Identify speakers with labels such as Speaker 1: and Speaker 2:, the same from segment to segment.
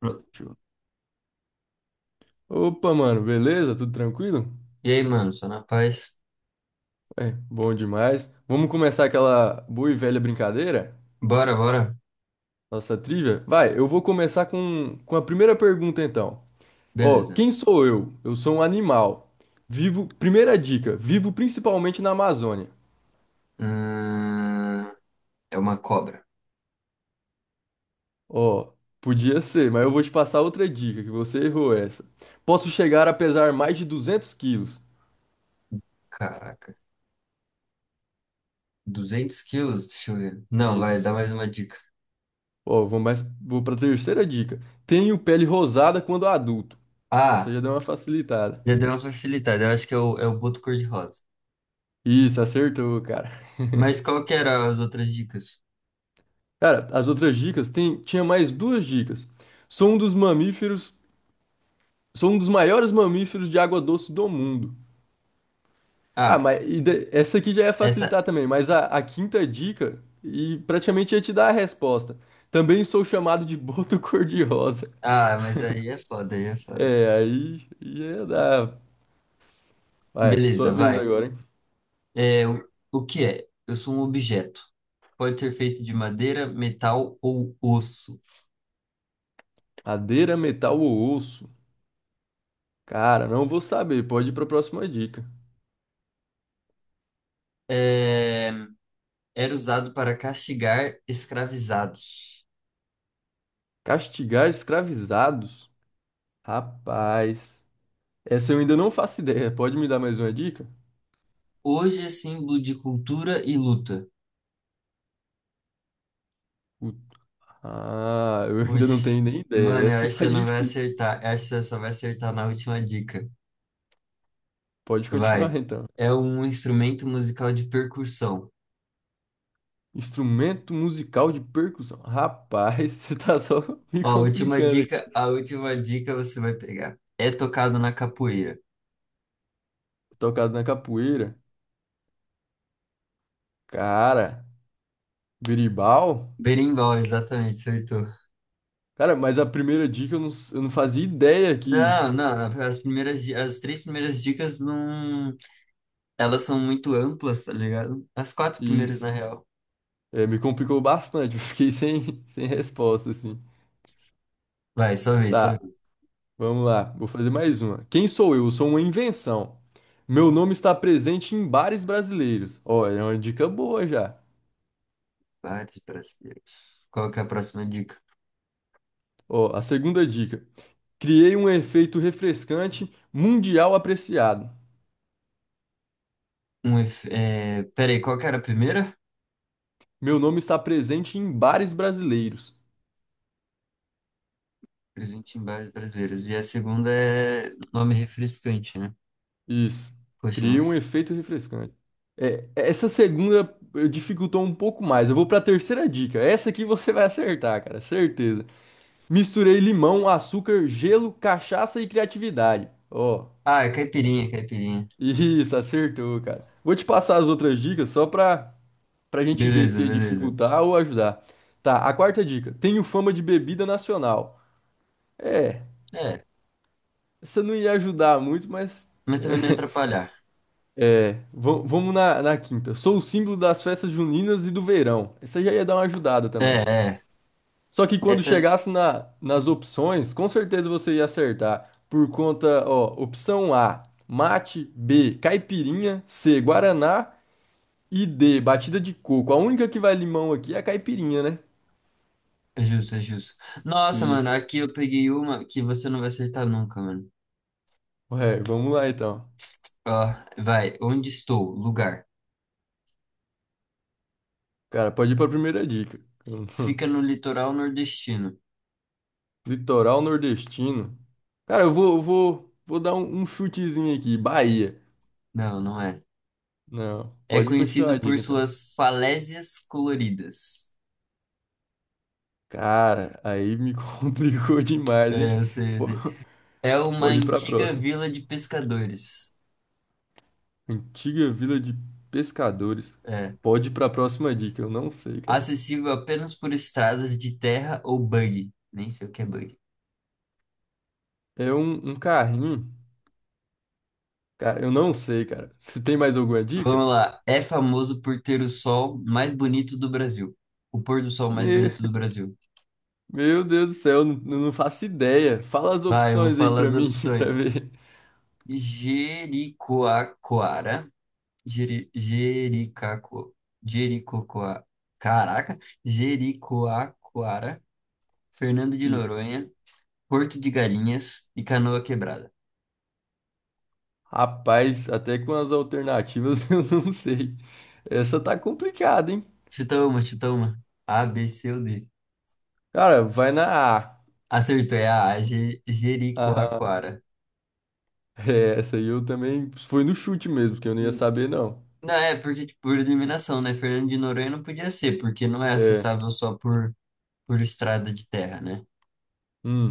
Speaker 1: Pro-
Speaker 2: Show. Opa, mano, beleza? Tudo tranquilo?
Speaker 1: E aí, mano, só na paz.
Speaker 2: É, bom demais. Vamos começar aquela boa e velha brincadeira?
Speaker 1: Bora, bora.
Speaker 2: Nossa trivia? Vai, eu vou começar com a primeira pergunta então. Ó,
Speaker 1: Beleza.
Speaker 2: quem sou eu? Eu sou um animal. Vivo, primeira dica, vivo principalmente na Amazônia.
Speaker 1: Ahn, é uma cobra.
Speaker 2: Ó, podia ser, mas eu vou te passar outra dica, que você errou essa. Posso chegar a pesar mais de 200 quilos.
Speaker 1: Caraca. Duzentos quilos? Deixa eu ver. Não, vai,
Speaker 2: Isso.
Speaker 1: dá mais uma dica.
Speaker 2: Ó, vou mais, vou para a terceira dica. Tenho pele rosada quando adulto. Essa
Speaker 1: Ah,
Speaker 2: já deu uma facilitada.
Speaker 1: já deu uma facilitada. Eu acho que é o boto cor-de-rosa.
Speaker 2: Isso, acertou, cara.
Speaker 1: Mas qual que eram as outras dicas?
Speaker 2: Cara, as outras dicas tinha mais duas dicas. Sou um dos mamíferos, Sou um dos maiores mamíferos de água doce do mundo. Ah,
Speaker 1: Ah,
Speaker 2: mas essa aqui já ia
Speaker 1: essa...
Speaker 2: facilitar também, mas a quinta dica e praticamente ia te dar a resposta. Também sou chamado de boto cor-de-rosa.
Speaker 1: Ah, mas aí é foda, aí é foda.
Speaker 2: É, aí ia dar. Vai,
Speaker 1: Beleza,
Speaker 2: sua vez
Speaker 1: vai.
Speaker 2: agora, hein?
Speaker 1: É, o, o que é? Eu sou um objeto. Pode ser feito de madeira, metal ou osso.
Speaker 2: Madeira, metal ou osso? Cara, não vou saber, pode ir pra próxima dica.
Speaker 1: É, Era usado para castigar escravizados.
Speaker 2: Castigar escravizados? Rapaz, essa eu ainda não faço ideia. Pode me dar mais uma dica?
Speaker 1: Hoje é símbolo de cultura e luta.
Speaker 2: O- Ah, eu ainda não
Speaker 1: Pois,
Speaker 2: tenho nem ideia.
Speaker 1: mano, eu acho
Speaker 2: Essa
Speaker 1: que
Speaker 2: tá
Speaker 1: você não vai
Speaker 2: difícil.
Speaker 1: acertar. Eu acho que você só vai acertar na última dica.
Speaker 2: Pode continuar
Speaker 1: Vai.
Speaker 2: então.
Speaker 1: É um instrumento musical de percussão.
Speaker 2: Instrumento musical de percussão. Rapaz, você tá só me
Speaker 1: Ó,
Speaker 2: complicando aqui.
Speaker 1: a última dica você vai pegar. É tocado na capoeira.
Speaker 2: Tocado na capoeira. Cara, berimbau?
Speaker 1: Berimbau, exatamente, acertou.
Speaker 2: Cara, mas a primeira dica eu não fazia ideia que
Speaker 1: Não, não, as três primeiras dicas não, elas são muito amplas, tá ligado? As quatro primeiras,
Speaker 2: isso.
Speaker 1: na real.
Speaker 2: É, me complicou bastante. Eu fiquei sem resposta, assim.
Speaker 1: Vai, só vez, só
Speaker 2: Tá.
Speaker 1: vez.
Speaker 2: Vamos lá, vou fazer mais uma. Quem sou eu? Sou uma invenção. Meu nome está presente em bares brasileiros. Ó, é uma dica boa já.
Speaker 1: Vários brasileiros. Qual que é a próxima dica?
Speaker 2: Ó, a segunda dica. Criei um efeito refrescante mundial apreciado.
Speaker 1: Peraí, qual que era a primeira?
Speaker 2: Meu nome está presente em bares brasileiros.
Speaker 1: Presente em bares brasileiros. E a segunda é nome refrescante, né?
Speaker 2: Isso.
Speaker 1: Poxa, não
Speaker 2: Criei um
Speaker 1: sei.
Speaker 2: efeito refrescante. É, essa segunda dificultou um pouco mais. Eu vou para a terceira dica. Essa aqui você vai acertar, cara, certeza. Misturei limão, açúcar, gelo, cachaça e criatividade. Ó.
Speaker 1: Ah, é caipirinha, caipirinha.
Speaker 2: Isso, acertou, cara. Vou te passar as outras dicas só pra gente ver
Speaker 1: Beleza,
Speaker 2: se ia
Speaker 1: beleza.
Speaker 2: dificultar ou ajudar. Tá, a quarta dica. Tenho fama de bebida nacional. É,
Speaker 1: É,
Speaker 2: essa não ia ajudar muito, mas.
Speaker 1: mas também não ia atrapalhar.
Speaker 2: É, vamos na quinta. Sou o símbolo das festas juninas e do verão. Essa já ia dar uma ajudada
Speaker 1: É,
Speaker 2: também.
Speaker 1: é.
Speaker 2: Só que quando
Speaker 1: Essa
Speaker 2: chegasse nas opções, com certeza você ia acertar. Por conta, ó, opção A, mate, B, caipirinha, C, guaraná, e D, batida de coco. A única que vai limão aqui é a caipirinha, né?
Speaker 1: É justo, é justo. Nossa, mano,
Speaker 2: Isso.
Speaker 1: aqui eu peguei uma que você não vai acertar nunca, mano.
Speaker 2: Ué, vamos lá então.
Speaker 1: Ó, vai. Onde estou? Lugar.
Speaker 2: Cara, pode ir pra primeira dica.
Speaker 1: Fica no litoral nordestino.
Speaker 2: Litoral nordestino. Cara, vou dar um chutezinho aqui. Bahia.
Speaker 1: Não, não é.
Speaker 2: Não,
Speaker 1: É
Speaker 2: pode continuar a
Speaker 1: conhecido por
Speaker 2: dica então.
Speaker 1: suas falésias coloridas.
Speaker 2: Cara, aí me complicou demais, hein?
Speaker 1: É, eu sei, eu
Speaker 2: Po-
Speaker 1: sei. É uma
Speaker 2: Pode ir pra
Speaker 1: antiga
Speaker 2: próxima.
Speaker 1: vila de pescadores.
Speaker 2: Antiga vila de pescadores.
Speaker 1: É.
Speaker 2: Pode ir pra próxima dica, eu não sei, cara.
Speaker 1: Acessível apenas por estradas de terra ou buggy. Nem sei o que é buggy.
Speaker 2: É um carrinho. Cara, eu não sei, cara. Se tem mais alguma dica?
Speaker 1: Vamos lá. É famoso por ter o sol mais bonito do Brasil. O pôr do sol mais
Speaker 2: Me-
Speaker 1: bonito do Brasil.
Speaker 2: Meu Deus do céu, eu não faço ideia. Fala as
Speaker 1: Vai, eu vou
Speaker 2: opções aí
Speaker 1: falar
Speaker 2: pra
Speaker 1: as
Speaker 2: mim, pra
Speaker 1: opções.
Speaker 2: ver
Speaker 1: Jericoacoara. Jeri, Jericaco, Jericocoa. Caraca! Jericoacoara. Fernando de
Speaker 2: isso.
Speaker 1: Noronha, Porto de Galinhas e Canoa Quebrada.
Speaker 2: Rapaz, até com as alternativas eu não sei. Essa tá complicada, hein?
Speaker 1: Chuta uma, chuta uma. A, B, C ou D.
Speaker 2: Cara, vai na A.
Speaker 1: Acertou, é a A,
Speaker 2: Aham.
Speaker 1: Jericoacoara.
Speaker 2: É, essa aí eu também. Foi no chute mesmo, porque eu não ia
Speaker 1: Hum,
Speaker 2: saber, não.
Speaker 1: Não, é porque, tipo, por eliminação, né? Fernando de Noronha não podia ser, porque não é
Speaker 2: É.
Speaker 1: acessável só por, estrada de terra, né?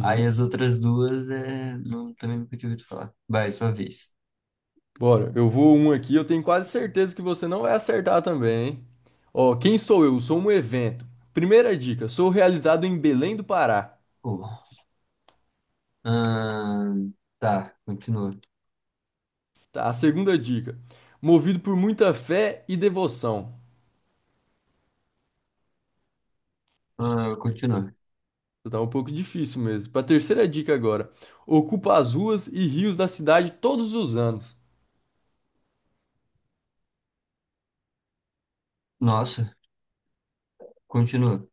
Speaker 1: Aí as outras duas, não, também nunca tinha ouvido falar. Vai, sua vez.
Speaker 2: Bora, eu vou um aqui, eu tenho quase certeza que você não vai acertar também, hein? Ó, quem sou eu? Sou um evento. Primeira dica, sou realizado em Belém do Pará.
Speaker 1: Oh. Ahn, tá, continua.
Speaker 2: Tá, a segunda dica, movido por muita fé e devoção.
Speaker 1: Ah,
Speaker 2: Essa
Speaker 1: continua.
Speaker 2: tá um pouco difícil mesmo. Pra terceira dica agora, ocupa as ruas e rios da cidade todos os anos.
Speaker 1: Nossa, continua.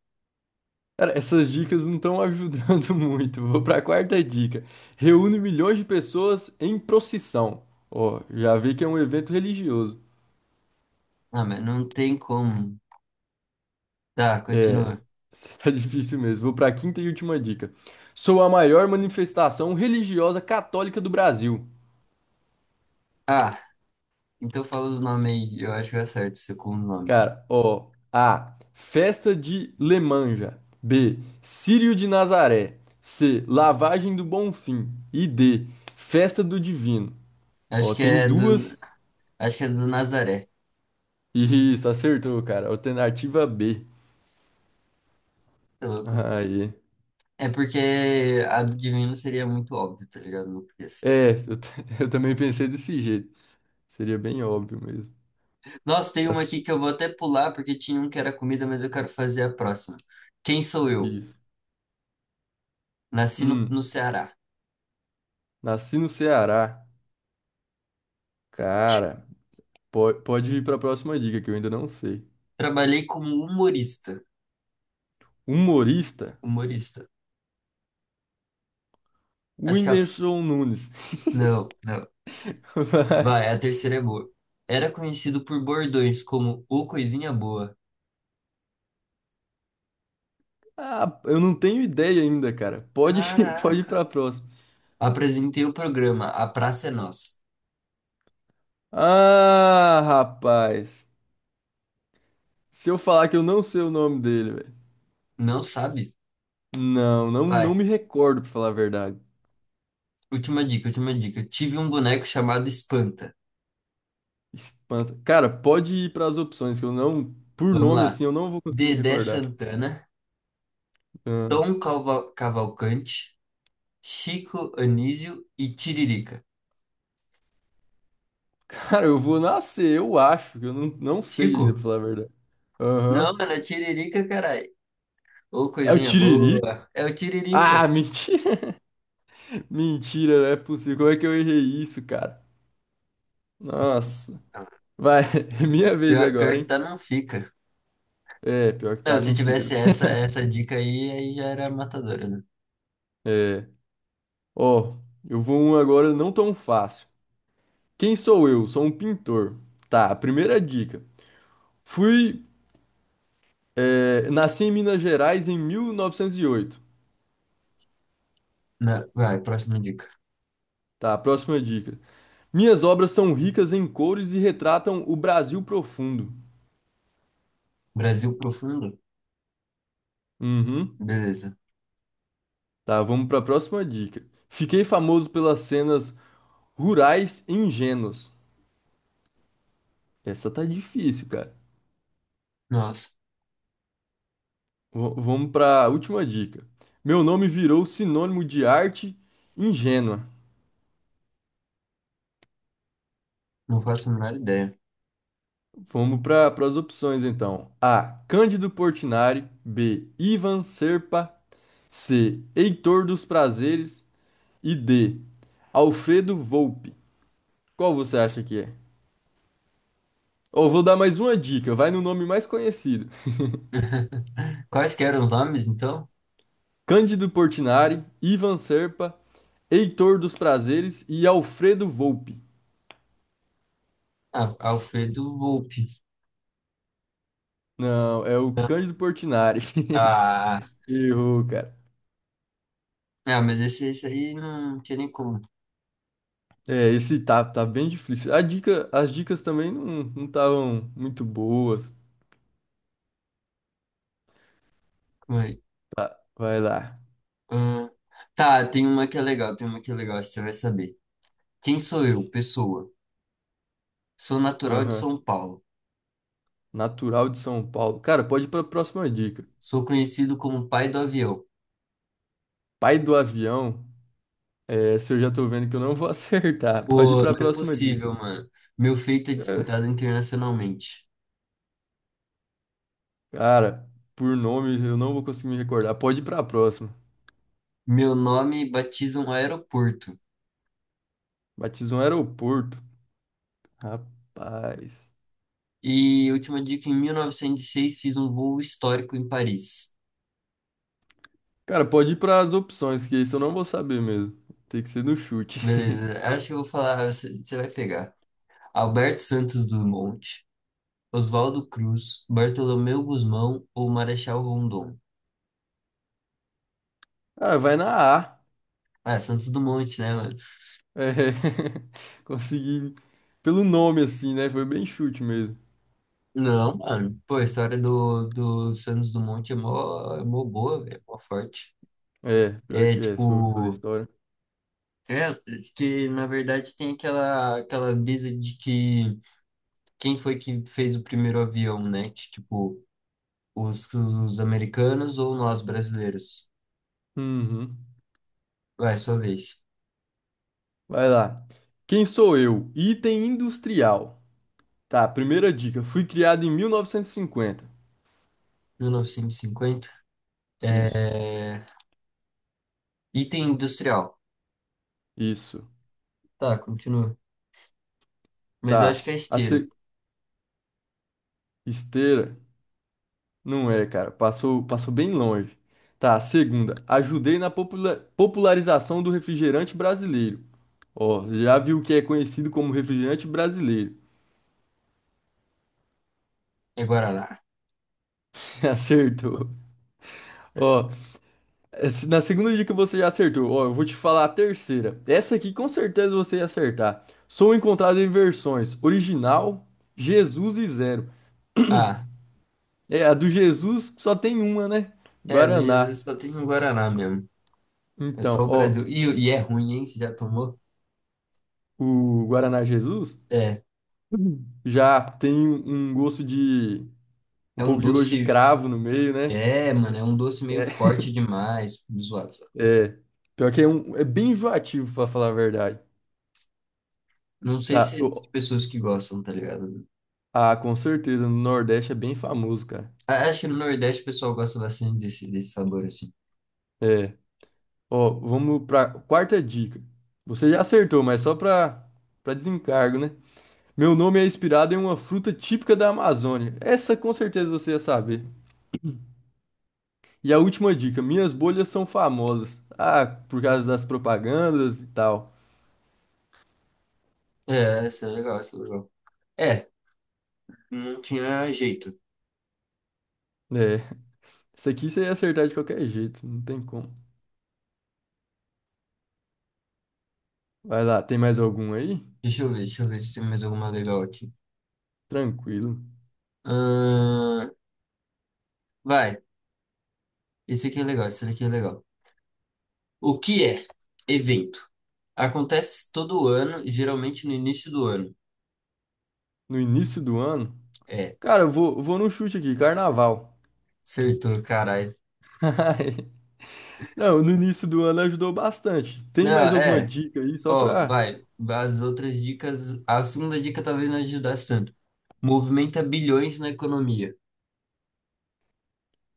Speaker 2: Cara, essas dicas não estão ajudando muito. Vou pra quarta dica, reúne milhões de pessoas em procissão. Ó, já vi que é um evento religioso.
Speaker 1: Ah, mas não tem como. Tá,
Speaker 2: É,
Speaker 1: continua.
Speaker 2: tá difícil mesmo. Vou para a quinta e última dica. Sou a maior manifestação religiosa católica do Brasil.
Speaker 1: Ah, então fala os nomes aí. Eu acho que eu acerto esse com o nome.
Speaker 2: Cara, ó, A. Festa de Lemanja. B. Círio de Nazaré. C. Lavagem do Bonfim. E D. Festa do Divino. Ó,
Speaker 1: Acho que
Speaker 2: tem
Speaker 1: é do,
Speaker 2: duas.
Speaker 1: acho que é do Nazaré.
Speaker 2: Isso, acertou, cara. Alternativa B.
Speaker 1: Tá louco?
Speaker 2: Aí.
Speaker 1: É porque a do Divino seria muito óbvio, tá ligado? Não podia ser.
Speaker 2: É, eu, t- eu também pensei desse jeito. Seria bem óbvio mesmo.
Speaker 1: Nossa, tem
Speaker 2: Tá
Speaker 1: uma
Speaker 2: su-
Speaker 1: aqui que eu vou até pular porque tinha um que era comida, mas eu quero fazer a próxima. Quem sou eu?
Speaker 2: Isso.
Speaker 1: Nasci no
Speaker 2: Hum.
Speaker 1: Ceará.
Speaker 2: Nasci no Ceará. Cara, pode ir para a próxima dica que eu ainda não sei.
Speaker 1: Trabalhei como humorista.
Speaker 2: Humorista?
Speaker 1: Humorista. Acho que a.
Speaker 2: Whindersson Nunes.
Speaker 1: Não, não.
Speaker 2: Vai.
Speaker 1: Vai, a terceira é boa. Era conhecido por bordões como o Coisinha Boa.
Speaker 2: Ah, eu não tenho ideia ainda, cara. Pode, pode ir
Speaker 1: Caraca.
Speaker 2: para a próxima.
Speaker 1: Apresentei o programa A Praça é Nossa.
Speaker 2: Ah, rapaz. Se eu falar que eu não sei o nome dele, velho.
Speaker 1: Não sabe?
Speaker 2: Não, não, não
Speaker 1: Vai.
Speaker 2: me recordo, pra falar a verdade.
Speaker 1: Última dica, última dica. Tive um boneco chamado Espanta.
Speaker 2: Espanta. Cara, pode ir para as opções, que eu não, por
Speaker 1: Vamos
Speaker 2: nome
Speaker 1: lá.
Speaker 2: assim, eu não vou conseguir me
Speaker 1: Dedé
Speaker 2: recordar.
Speaker 1: Santana,
Speaker 2: Ah.
Speaker 1: Tom Cavalcante, Chico Anísio e Tiririca.
Speaker 2: Cara, eu vou nascer, eu acho, que eu não sei ainda, pra
Speaker 1: Chico?
Speaker 2: falar a verdade.
Speaker 1: Não,
Speaker 2: Aham.
Speaker 1: mano, é Tiririca, caralho. Ô,
Speaker 2: É o
Speaker 1: coisinha
Speaker 2: Tiriri?
Speaker 1: boa. É o Tiririca.
Speaker 2: Ah, mentira. Mentira, não é possível. Como é que eu errei isso, cara? Nossa. Vai, é minha vez
Speaker 1: Pior, pior
Speaker 2: agora,
Speaker 1: que
Speaker 2: hein?
Speaker 1: tá, não fica.
Speaker 2: É, pior que
Speaker 1: Não,
Speaker 2: tá,
Speaker 1: se
Speaker 2: não fica.
Speaker 1: tivesse essa, essa dica aí, aí já era matadora, né?
Speaker 2: É. Ó, eu vou um agora não tão fácil. Quem sou eu? Sou um pintor. Tá, a primeira dica. Fui. Nasci em Minas Gerais em 1908.
Speaker 1: Não, vai, próxima dica.
Speaker 2: Tá, próxima dica. Minhas obras são ricas em cores e retratam o Brasil profundo.
Speaker 1: Brasil profundo?
Speaker 2: Uhum.
Speaker 1: Beleza.
Speaker 2: Tá, vamos para a próxima dica. Fiquei famoso pelas cenas rurais e ingênuas. Essa tá difícil, cara.
Speaker 1: Nossa.
Speaker 2: Vamos para a última dica. Meu nome virou sinônimo de arte ingênua.
Speaker 1: Não faço a menor ideia.
Speaker 2: Vamos para as opções então. A. Cândido Portinari. B. Ivan Serpa. C. Heitor dos Prazeres. E D. Alfredo Volpi. Qual você acha que é? Ou vou dar mais uma dica, vai no nome mais conhecido.
Speaker 1: Quais que eram os nomes, então?
Speaker 2: Cândido Portinari, Ivan Serpa, Heitor dos Prazeres e Alfredo Volpi.
Speaker 1: Ah, Alfredo Volpi.
Speaker 2: Não, é o Cândido Portinari.
Speaker 1: Ah,
Speaker 2: Errou, cara.
Speaker 1: ah, mas esse aí não tinha nem como.
Speaker 2: É, esse tá bem difícil. As dicas também não estavam muito boas.
Speaker 1: Calma aí.
Speaker 2: Tá, vai lá.
Speaker 1: Ah, tá, tem uma que é legal, tem uma que é legal, acho que você vai saber. Quem sou eu, pessoa? Sou natural de
Speaker 2: Aham.
Speaker 1: São Paulo.
Speaker 2: Natural de São Paulo. Cara, pode ir pra próxima dica.
Speaker 1: Sou conhecido como pai do avião.
Speaker 2: Pai do avião. É, se eu já tô vendo que eu não vou acertar, pode ir
Speaker 1: Pô,
Speaker 2: pra
Speaker 1: não é
Speaker 2: próxima dica.
Speaker 1: possível, mano. Meu feito é disputado internacionalmente.
Speaker 2: Cara, por nome eu não vou conseguir me recordar. Pode ir pra próxima.
Speaker 1: Meu nome batiza um aeroporto.
Speaker 2: Batizou um aeroporto. Rapaz.
Speaker 1: E última dica, em 1906 fiz um voo histórico em Paris.
Speaker 2: Cara, pode ir pras opções, que isso eu não vou saber mesmo. Tem que ser no chute.
Speaker 1: Beleza, acho que eu vou falar, você vai pegar. Alberto Santos Dumont, Oswaldo Cruz, Bartolomeu Gusmão ou Marechal Rondon?
Speaker 2: Cara, vai na A.
Speaker 1: Ah, Santos Dumont, né, mano?
Speaker 2: É. Consegui. Pelo nome, assim, né? Foi bem chute mesmo.
Speaker 1: Não, mano. Pô, a história do Santos Dumont é mó boa, velho, é mó forte.
Speaker 2: É, pior
Speaker 1: É
Speaker 2: que é, se for ver pela
Speaker 1: tipo.
Speaker 2: história.
Speaker 1: É, que na verdade tem aquela brisa de que quem foi que fez o primeiro avião, né? Que, tipo, os americanos ou nós brasileiros?
Speaker 2: Uhum.
Speaker 1: Vai, sua vez.
Speaker 2: Vai lá. Quem sou eu? Item industrial. Tá, primeira dica. Fui criado em 1950.
Speaker 1: 1950.
Speaker 2: Isso.
Speaker 1: É... Item industrial.
Speaker 2: Isso.
Speaker 1: Tá, continua. Mas eu acho
Speaker 2: Tá.
Speaker 1: que é
Speaker 2: A
Speaker 1: esteira.
Speaker 2: se- Esteira? Não é, cara. Passou, passou bem longe. Tá, segunda. Ajudei na popularização do refrigerante brasileiro. Ó, já viu o que é conhecido como refrigerante brasileiro.
Speaker 1: É Guaraná.
Speaker 2: Acertou. Ó, na segunda dica você já acertou. Ó, eu vou te falar a terceira. Essa aqui com certeza você ia acertar. Sou encontrado em versões original, Jesus e zero.
Speaker 1: Ah,
Speaker 2: É, a do Jesus só tem uma, né?
Speaker 1: é, do
Speaker 2: Guaraná.
Speaker 1: Jesus só tem um Guaraná mesmo. É só
Speaker 2: Então,
Speaker 1: o
Speaker 2: ó,
Speaker 1: Brasil. E é ruim, hein? Você já tomou?
Speaker 2: o Guaraná Jesus.
Speaker 1: É,
Speaker 2: Já tem um gosto de. Um
Speaker 1: é um
Speaker 2: pouco de gosto de
Speaker 1: doce.
Speaker 2: cravo no meio, né?
Speaker 1: É, mano, é um doce meio forte demais. Zoado, zoado.
Speaker 2: É. é, Pior que é, é bem enjoativo, pra falar a verdade.
Speaker 1: Não sei se
Speaker 2: Tá.
Speaker 1: existem
Speaker 2: Ô,
Speaker 1: pessoas que gostam, tá ligado?
Speaker 2: ah, com certeza. No Nordeste é bem famoso, cara.
Speaker 1: Acho que no Nordeste o pessoal gosta bastante desse, sabor assim.
Speaker 2: É. Ó, vamos pra quarta dica. Você já acertou, mas só pra desencargo, né? Meu nome é inspirado em uma fruta típica da Amazônia. Essa com certeza você ia saber. E a última dica: minhas bolhas são famosas. Ah, por causa das propagandas e tal.
Speaker 1: É, essa é legal, essa é legal. É, não tinha jeito.
Speaker 2: É. Isso aqui você ia acertar de qualquer jeito, não tem como. Vai lá, tem mais algum aí?
Speaker 1: Deixa eu ver se tem mais alguma legal aqui.
Speaker 2: Tranquilo.
Speaker 1: Ahn, vai, esse aqui é legal, esse aqui é legal. O que é evento? Acontece todo ano, geralmente no início do ano.
Speaker 2: No início do ano?
Speaker 1: É,
Speaker 2: Cara, eu vou no chute aqui, carnaval.
Speaker 1: acertou, caralho.
Speaker 2: Não, no início do ano ajudou bastante. Tem
Speaker 1: Não,
Speaker 2: mais alguma
Speaker 1: é,
Speaker 2: dica aí só
Speaker 1: ó,
Speaker 2: pra.
Speaker 1: vai. As outras dicas, a segunda dica talvez não ajudasse tanto. Movimenta bilhões na economia.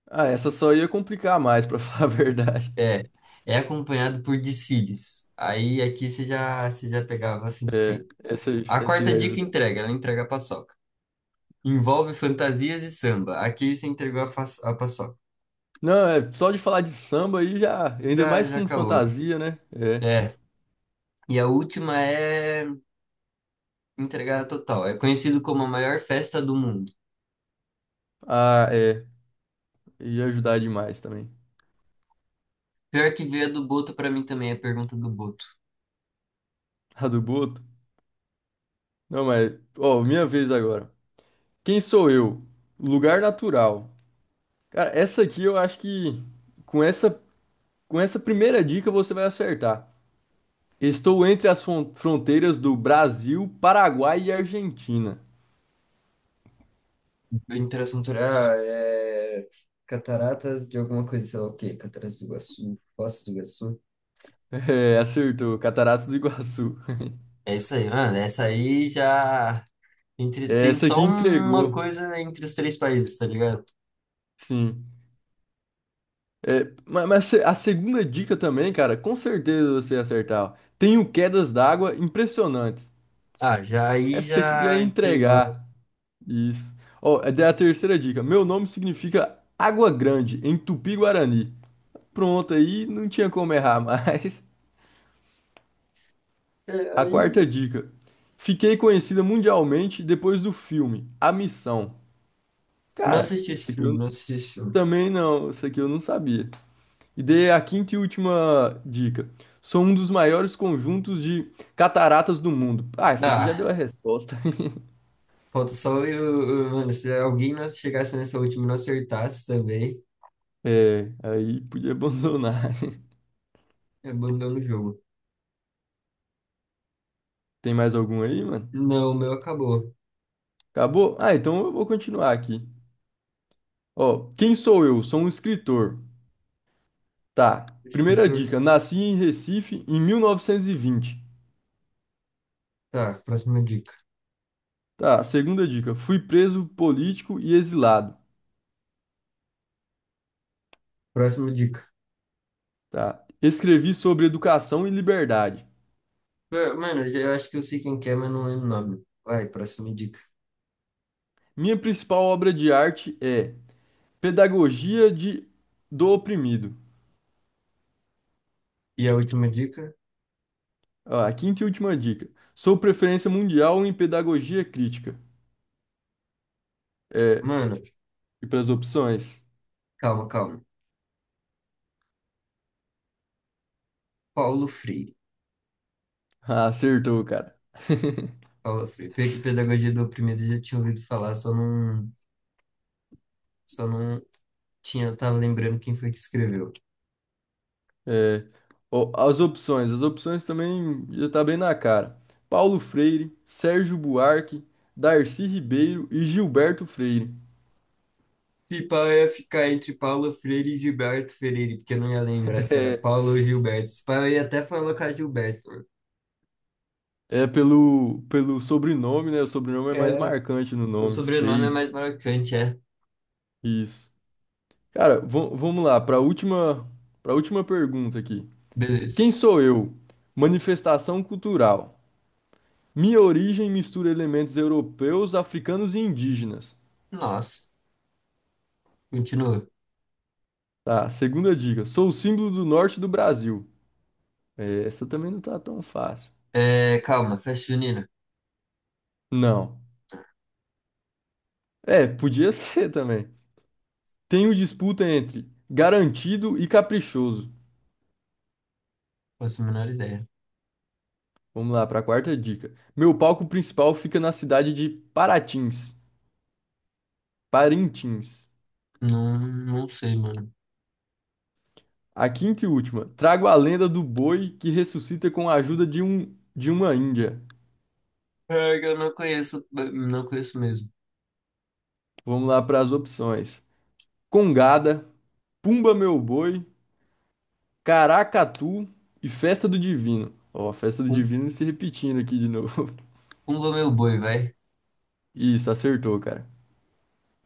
Speaker 2: Ah, essa só ia complicar mais, pra falar a verdade.
Speaker 1: É, é acompanhado por desfiles. Aí aqui você já pegava
Speaker 2: É,
Speaker 1: 100%.
Speaker 2: essa, aí-
Speaker 1: A
Speaker 2: essa
Speaker 1: quarta
Speaker 2: ia
Speaker 1: dica
Speaker 2: ajudar.
Speaker 1: entrega, ela entrega a paçoca. Envolve fantasias e samba. Aqui você entregou a paçoca.
Speaker 2: Não, é só de falar de samba aí já. Ainda
Speaker 1: Já,
Speaker 2: mais
Speaker 1: já
Speaker 2: com
Speaker 1: acabou.
Speaker 2: fantasia, né? É.
Speaker 1: É. E a última é entregada total. É conhecido como a maior festa do mundo.
Speaker 2: Ah, é. Ia ajudar demais também.
Speaker 1: Pior que veio a do Boto pra mim também, a pergunta do Boto.
Speaker 2: A do Boto? Não, mas. Ó, minha vez agora. Quem sou eu? Lugar natural. Cara, essa aqui eu acho que com essa, com essa primeira dica você vai acertar. Estou entre as fronteiras do Brasil, Paraguai e Argentina.
Speaker 1: Interação cultural é cataratas de alguma coisa, sei lá o quê? Cataratas do Iguaçu, Foz do Iguaçu.
Speaker 2: É, acertou. Cataratas do Iguaçu.
Speaker 1: É isso aí, mano. Essa aí já tem
Speaker 2: Essa aqui
Speaker 1: só uma
Speaker 2: entregou,
Speaker 1: coisa entre os três países, tá ligado?
Speaker 2: sim. É, mas, a segunda dica também, cara, com certeza você ia acertar. Ó. Tenho quedas d'água impressionantes.
Speaker 1: Ah, já aí
Speaker 2: Essa aqui já
Speaker 1: já
Speaker 2: ia
Speaker 1: entregou.
Speaker 2: entregar. Isso. Ó, a terceira dica. Meu nome significa água grande em Tupi-Guarani. Pronto, aí não tinha como errar mais.
Speaker 1: É,
Speaker 2: A
Speaker 1: aí
Speaker 2: quarta dica. Fiquei conhecida mundialmente depois do filme A Missão.
Speaker 1: não
Speaker 2: Cara,
Speaker 1: assisti esse filme, não assisti esse filme.
Speaker 2: essa aqui eu não sabia. E dei a quinta e última dica. Sou um dos maiores conjuntos de cataratas do mundo. Ah, essa aqui já deu a
Speaker 1: Ah,
Speaker 2: resposta.
Speaker 1: falta só eu, mano, se alguém não chegasse nessa última e não acertasse também,
Speaker 2: É, aí podia abandonar.
Speaker 1: abandona o jogo.
Speaker 2: Tem mais algum aí, mano?
Speaker 1: Não, o meu acabou.
Speaker 2: Acabou? Ah, então eu vou continuar aqui. Ó, quem sou eu? Sou um escritor. Tá. Primeira
Speaker 1: Escritor.
Speaker 2: dica: nasci em Recife em 1920.
Speaker 1: Tá, próxima dica.
Speaker 2: Tá. Segunda dica: fui preso político e exilado.
Speaker 1: Próxima dica.
Speaker 2: Tá. Escrevi sobre educação e liberdade.
Speaker 1: Pô, mano, eu acho que eu sei quem que é, mas não lembro o nome. Vai, próxima dica.
Speaker 2: Minha principal obra de arte é Pedagogia de do Oprimido.
Speaker 1: E a última dica?
Speaker 2: Ó, a quinta e última dica: sou preferência mundial em pedagogia crítica. É,
Speaker 1: Mano,
Speaker 2: e para as opções?
Speaker 1: calma, calma. Paulo Freire.
Speaker 2: Ah, acertou, cara.
Speaker 1: Paulo Freire. Pedagogia do Oprimido, eu já tinha ouvido falar, só não tinha, tava lembrando quem foi que escreveu.
Speaker 2: É, ó, as opções também já tá bem na cara. Paulo Freire, Sérgio Buarque, Darcy Ribeiro e Gilberto Freire.
Speaker 1: Se pá, eu ia ficar entre Paulo Freire e Gilberto Freire, porque eu não ia lembrar se era
Speaker 2: É,
Speaker 1: Paulo ou Gilberto. Se pá, eu ia até colocar Gilberto.
Speaker 2: é, pelo sobrenome, né? O sobrenome é mais
Speaker 1: É,
Speaker 2: marcante no
Speaker 1: o
Speaker 2: nome,
Speaker 1: sobrenome é
Speaker 2: Freire.
Speaker 1: mais marcante, é.
Speaker 2: Isso. Cara, vamos lá, para última pergunta aqui.
Speaker 1: Beleza.
Speaker 2: Quem sou eu? Manifestação cultural. Minha origem mistura elementos europeus, africanos e indígenas.
Speaker 1: Nossa, continua.
Speaker 2: Tá, segunda dica. Sou o símbolo do norte do Brasil. Essa também não tá tão fácil.
Speaker 1: É, calma, festa junina.
Speaker 2: Não. É, podia ser também. Tenho disputa entre garantido e caprichoso.
Speaker 1: Faço a menor ideia.
Speaker 2: Vamos lá, para a quarta dica. Meu palco principal fica na cidade de Parintins.
Speaker 1: Não, não sei, mano.
Speaker 2: A quinta e última. Trago a lenda do boi que ressuscita com a ajuda de uma índia.
Speaker 1: É, que eu não conheço, não conheço mesmo.
Speaker 2: Vamos lá para as opções. Congada, Pumba Meu Boi, Caracatu e Festa do Divino. Ó, a Festa do
Speaker 1: Pum-
Speaker 2: Divino se repetindo aqui de novo.
Speaker 1: Pumba Meu Boi, vai.
Speaker 2: Isso, acertou, cara.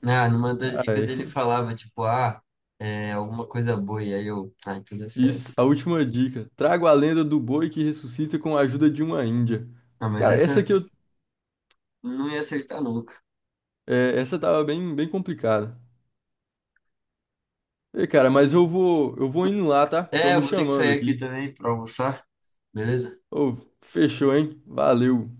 Speaker 1: Ah, numa das dicas ele
Speaker 2: Ai,
Speaker 1: falava, tipo, ah, é alguma coisa boi. Aí então deve ser
Speaker 2: isso,
Speaker 1: essa.
Speaker 2: a última dica. Trago a lenda do boi que ressuscita com a ajuda de uma índia.
Speaker 1: Ah, mas
Speaker 2: Cara, essa
Speaker 1: essa
Speaker 2: aqui
Speaker 1: não ia acertar nunca.
Speaker 2: essa tava bem, bem complicada. Ei, cara, mas eu vou indo lá, tá? Estão
Speaker 1: É, eu
Speaker 2: me
Speaker 1: vou ter que
Speaker 2: chamando
Speaker 1: sair aqui
Speaker 2: aqui.
Speaker 1: também pra almoçar, beleza?
Speaker 2: Ô, fechou, hein? Valeu.